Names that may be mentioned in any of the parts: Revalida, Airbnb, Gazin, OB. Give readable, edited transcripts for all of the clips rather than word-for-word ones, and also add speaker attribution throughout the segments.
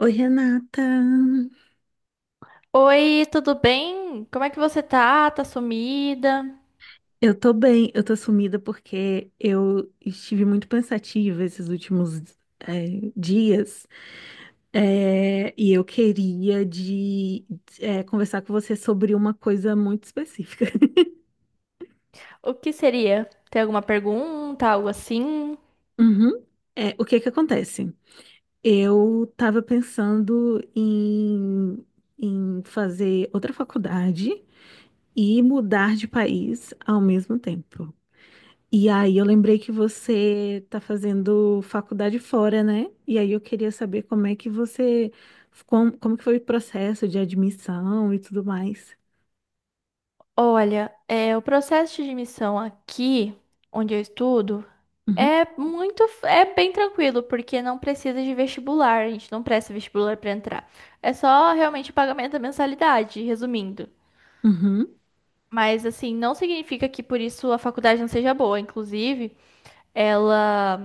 Speaker 1: Oi, Renata.
Speaker 2: Oi, tudo bem? Como é que você tá? Tá sumida?
Speaker 1: Eu tô bem, eu tô sumida porque eu estive muito pensativa esses últimos dias, e eu queria conversar com você sobre uma coisa muito específica.
Speaker 2: O que seria? Tem alguma pergunta, algo assim?
Speaker 1: Uhum. É, o que que acontece? Eu estava pensando em, em fazer outra faculdade e mudar de país ao mesmo tempo. E aí eu lembrei que você tá fazendo faculdade fora, né? E aí eu queria saber como é que você, como que foi o processo de admissão e tudo mais.
Speaker 2: Olha, o processo de admissão aqui, onde eu estudo,
Speaker 1: Uhum,
Speaker 2: é bem tranquilo, porque não precisa de vestibular, a gente não presta vestibular para entrar. É só realmente o pagamento da mensalidade, resumindo.
Speaker 1: uhum,
Speaker 2: Mas assim, não significa que por isso a faculdade não seja boa. Inclusive, ela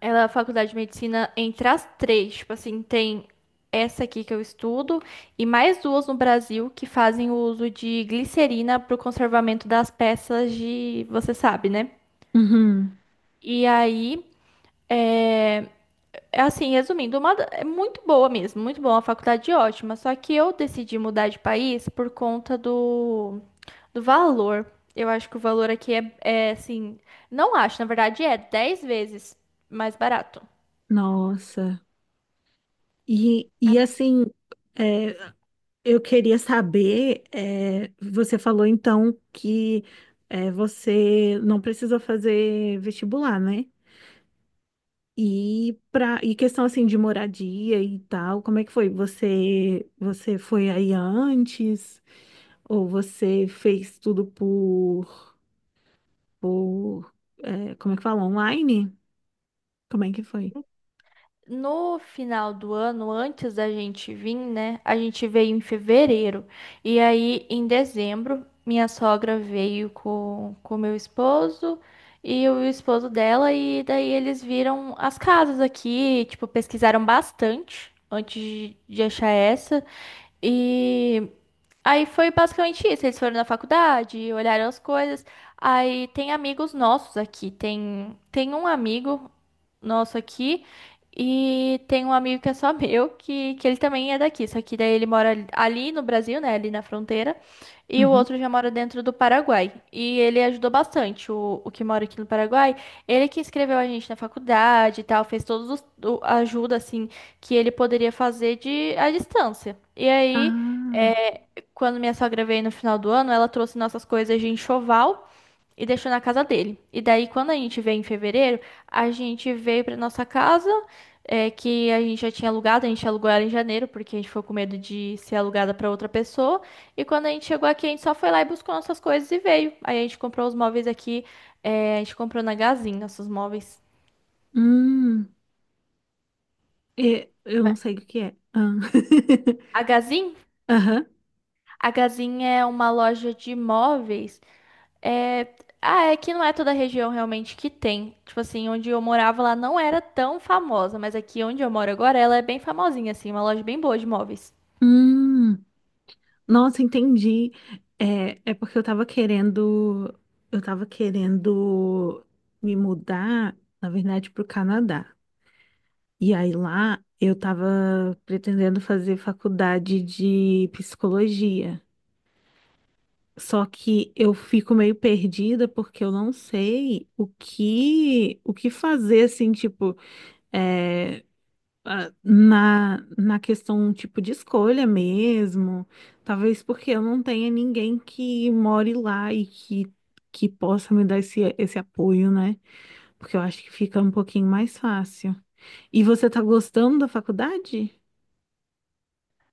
Speaker 2: É a faculdade de medicina, entre as três, tipo assim, tem essa aqui que eu estudo e mais duas no Brasil que fazem o uso de glicerina para o conservamento das peças de, você sabe, né?
Speaker 1: uhum.
Speaker 2: E aí, é, resumindo, é muito boa mesmo, muito boa, uma faculdade ótima, só que eu decidi mudar de país por conta do, do valor. Eu acho que o valor aqui não acho, na verdade é 10 vezes mais barato.
Speaker 1: Nossa. E assim, é, eu queria saber, é, você falou então que é, você não precisou fazer vestibular, né? E questão assim de moradia e tal, como é que foi? Você foi aí antes ou você fez tudo por é, como é que fala? Online? Como é que foi?
Speaker 2: No final do ano, antes da gente vir, né? A gente veio em fevereiro. E aí, em dezembro, minha sogra veio com meu esposo e o esposo dela. E daí eles viram as casas aqui, tipo, pesquisaram bastante antes de achar essa. E. Aí foi basicamente isso. Eles foram na faculdade, olharam as coisas. Aí tem amigos nossos aqui. Tem um amigo nosso aqui e tem um amigo que é só meu, que ele também é daqui. Só que daí ele mora ali no Brasil, né? Ali na fronteira. E o
Speaker 1: Uhum.
Speaker 2: outro já mora dentro do Paraguai. E ele ajudou bastante, o que mora aqui no Paraguai. Ele que inscreveu a gente na faculdade e tal, fez todos os, a ajuda, assim, que ele poderia fazer de à distância. E aí,
Speaker 1: Ah,
Speaker 2: é, quando minha sogra veio no final do ano, ela trouxe nossas coisas de enxoval e deixou na casa dele. E daí, quando a gente veio em fevereiro, a gente veio pra nossa casa, é, que a gente já tinha alugado, a gente alugou ela em janeiro, porque a gente ficou com medo de ser alugada pra outra pessoa. E quando a gente chegou aqui, a gente só foi lá e buscou nossas coisas e veio. Aí a gente comprou os móveis aqui, é, a gente comprou na Gazin nossos móveis.
Speaker 1: hum, eu não sei o que é. Ah.
Speaker 2: A Gazin?
Speaker 1: Aham.
Speaker 2: A Gazin é uma loja de móveis. É... Ah, é que não é toda a região realmente que tem. Tipo assim, onde eu morava lá não era tão famosa, mas aqui onde eu moro agora ela é bem famosinha, assim, uma loja bem boa de móveis.
Speaker 1: Hum, nossa, entendi. É, é porque eu tava querendo me mudar, na verdade, pro Canadá. E aí lá eu tava pretendendo fazer faculdade de psicologia. Só que eu fico meio perdida porque eu não sei o que fazer assim, tipo, é, ah, na questão tipo de escolha mesmo. Talvez porque eu não tenha ninguém que more lá que possa me dar esse apoio, né? Porque eu acho que fica um pouquinho mais fácil. E você tá gostando da faculdade?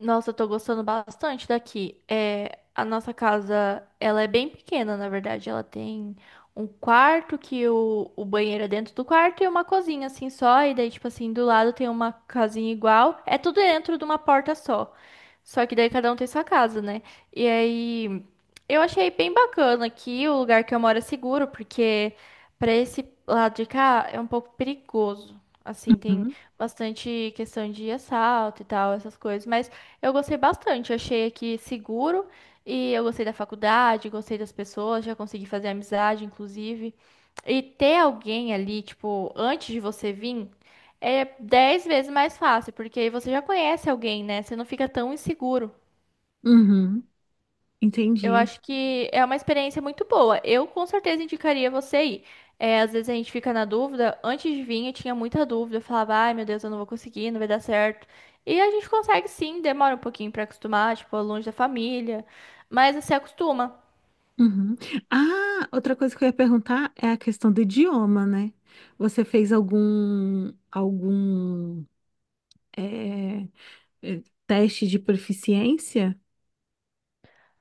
Speaker 2: Nossa, eu tô gostando bastante daqui. É, a nossa casa, ela é bem pequena, na verdade. Ela tem um quarto que o banheiro é dentro do quarto e uma cozinha assim só. E daí, tipo assim, do lado tem uma casinha igual. É tudo dentro de uma porta só. Só que daí cada um tem sua casa, né? E aí eu achei bem bacana aqui. O lugar que eu moro é seguro, porque pra esse lado de cá é um pouco perigoso. Assim, tem bastante questão de assalto e tal, essas coisas. Mas eu gostei bastante. Eu achei aqui seguro e eu gostei da faculdade, gostei das pessoas, já consegui fazer amizade, inclusive. E ter alguém ali, tipo, antes de você vir, é 10 vezes mais fácil, porque aí você já conhece alguém, né? Você não fica tão inseguro.
Speaker 1: Uhum,
Speaker 2: Eu
Speaker 1: entendi.
Speaker 2: acho que é uma experiência muito boa. Eu com certeza indicaria você ir. É, às vezes a gente fica na dúvida. Antes de vir, eu tinha muita dúvida. Eu falava, ai meu Deus, eu não vou conseguir, não vai dar certo. E a gente consegue sim, demora um pouquinho pra acostumar, tipo, é longe da família. Mas você acostuma.
Speaker 1: Uhum. Ah, outra coisa que eu ia perguntar é a questão do idioma, né? Você fez algum é, é, teste de proficiência?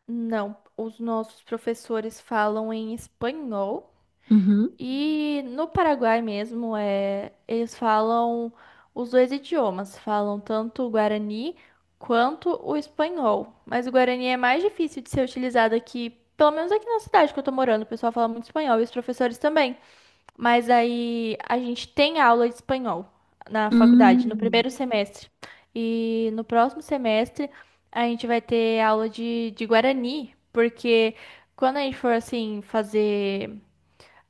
Speaker 2: Não, os nossos professores falam em espanhol.
Speaker 1: Uhum.
Speaker 2: E no Paraguai mesmo, é, eles falam os dois idiomas, falam tanto o guarani quanto o espanhol. Mas o guarani é mais difícil de ser utilizado aqui, pelo menos aqui na cidade que eu tô morando. O pessoal fala muito espanhol e os professores também. Mas aí a gente tem aula de espanhol na faculdade, no
Speaker 1: Hum,
Speaker 2: primeiro semestre. E no próximo semestre a gente vai ter aula de guarani, porque quando a gente for assim fazer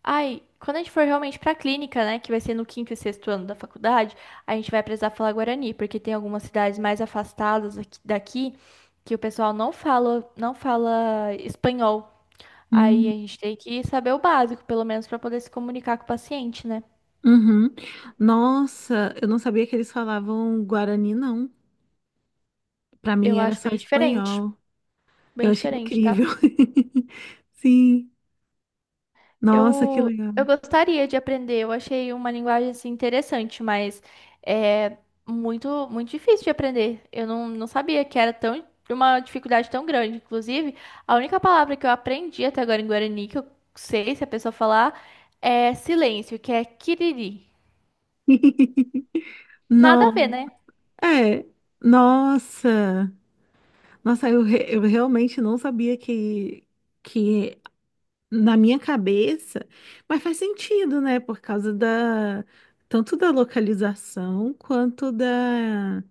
Speaker 2: Quando a gente for realmente pra clínica, né, que vai ser no quinto e sexto ano da faculdade, a gente vai precisar falar guarani, porque tem algumas cidades mais afastadas daqui que o pessoal não fala espanhol. Aí
Speaker 1: hum,
Speaker 2: a gente tem que saber o básico, pelo menos, pra poder se comunicar com o paciente, né?
Speaker 1: uhum. Nossa, eu não sabia que eles falavam guarani, não. Para mim
Speaker 2: Eu
Speaker 1: era
Speaker 2: acho
Speaker 1: só espanhol.
Speaker 2: bem
Speaker 1: Eu achei
Speaker 2: diferente, tá?
Speaker 1: incrível. Sim. Nossa, que
Speaker 2: Eu,
Speaker 1: legal.
Speaker 2: eu gostaria de aprender, eu achei uma linguagem assim, interessante, mas é muito, muito difícil de aprender. Eu não, não sabia que era tão, uma dificuldade tão grande. Inclusive, a única palavra que eu aprendi até agora em guarani, que eu sei se a pessoa falar, é silêncio, que é kiriri. Nada a ver,
Speaker 1: Não,
Speaker 2: né?
Speaker 1: é. Nossa. Nossa, eu, eu realmente não sabia que na minha cabeça, mas faz sentido, né? Por causa da, tanto da localização quanto da,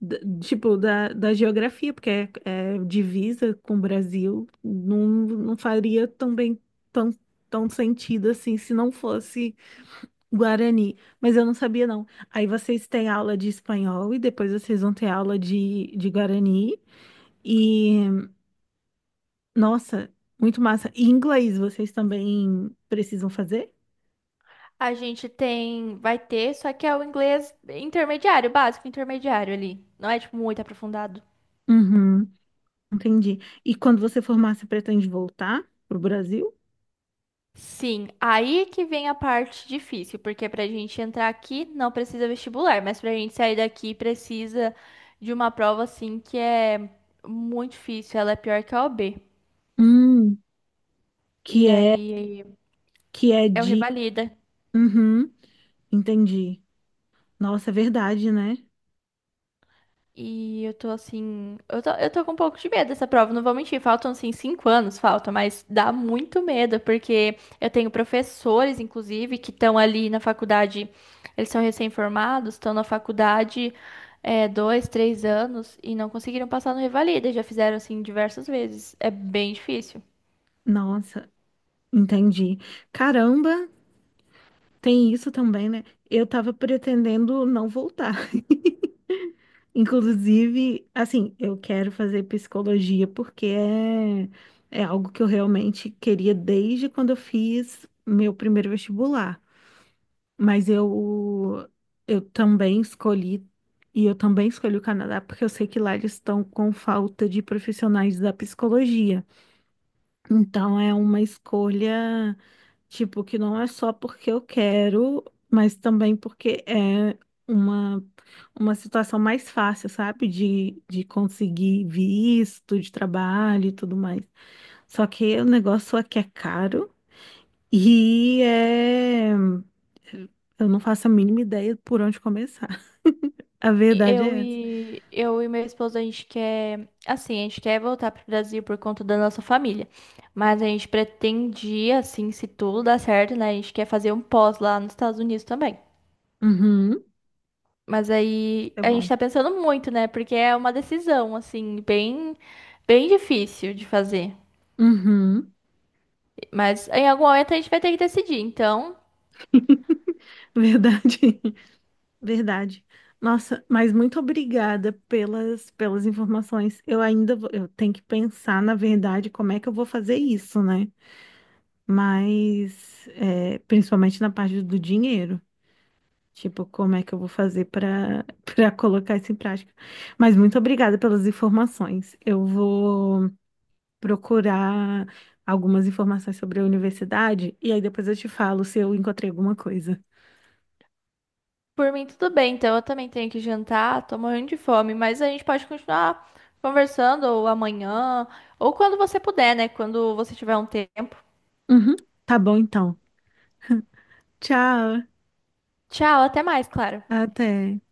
Speaker 1: da- tipo da geografia, porque é, é divisa com o Brasil, não, não faria também tão, tão sentido assim se não fosse Guarani. Mas eu não sabia, não. Aí vocês têm aula de espanhol e depois vocês vão ter aula de Guarani. E nossa, muito massa. E inglês, vocês também precisam fazer?
Speaker 2: A gente tem, vai ter, só que é o inglês intermediário, básico, intermediário ali. Não é, tipo, muito aprofundado.
Speaker 1: Uhum, entendi. E quando você formar, você pretende voltar pro Brasil?
Speaker 2: Sim, aí que vem a parte difícil, porque para a gente entrar aqui não precisa vestibular, mas para a gente sair daqui precisa de uma prova assim que é muito difícil, ela é pior que a OB.
Speaker 1: Hum,
Speaker 2: E
Speaker 1: que é
Speaker 2: aí
Speaker 1: que é
Speaker 2: é o
Speaker 1: de.
Speaker 2: revalida.
Speaker 1: Uhum, entendi. Nossa, é verdade, né?
Speaker 2: E eu tô assim. Eu tô com um pouco de medo dessa prova, não vou mentir. Faltam, assim, 5 anos, falta, mas dá muito medo, porque eu tenho professores, inclusive, que estão ali na faculdade. Eles são recém-formados, estão na faculdade é, 2, 3 anos e não conseguiram passar no Revalida. Já fizeram, assim, diversas vezes. É bem difícil.
Speaker 1: Nossa, entendi. Caramba, tem isso também, né? Eu tava pretendendo não voltar. Inclusive, assim, eu quero fazer psicologia porque é, é algo que eu realmente queria desde quando eu fiz meu primeiro vestibular. Mas eu, eu também escolhi, e eu também escolhi o Canadá porque eu sei que lá eles estão com falta de profissionais da psicologia. Então é uma escolha, tipo, que não é só porque eu quero, mas também porque é uma, uma situação mais fácil, sabe? De conseguir visto de trabalho e tudo mais. Só que o negócio aqui é caro e é. Eu não faço a mínima ideia por onde começar. A verdade é essa.
Speaker 2: Eu e meu esposo, a gente quer, assim, a gente quer voltar pro Brasil por conta da nossa família. Mas a gente pretendia, assim, se tudo dar certo, né? A gente quer fazer um pós lá nos Estados Unidos também.
Speaker 1: Uhum,
Speaker 2: Mas aí
Speaker 1: é
Speaker 2: a gente
Speaker 1: bom.
Speaker 2: tá pensando muito, né? Porque é uma decisão, assim, bem difícil de fazer.
Speaker 1: Uhum,
Speaker 2: Mas em algum momento a gente vai ter que decidir. Então,
Speaker 1: verdade. Verdade. Nossa, mas muito obrigada pelas, pelas informações. Eu tenho que pensar, na verdade, como é que eu vou fazer isso, né? Mas, é, principalmente na parte do dinheiro. Tipo, como é que eu vou fazer para colocar isso em prática? Mas muito obrigada pelas informações. Eu vou procurar algumas informações sobre a universidade e aí depois eu te falo se eu encontrei alguma coisa.
Speaker 2: Por mim, tudo bem, então eu também tenho que jantar, tô morrendo de fome, mas a gente pode continuar conversando ou amanhã, ou quando você puder, né? Quando você tiver um tempo.
Speaker 1: Uhum, tá bom, então. Tchau,
Speaker 2: Tchau, até mais, Clara.
Speaker 1: até.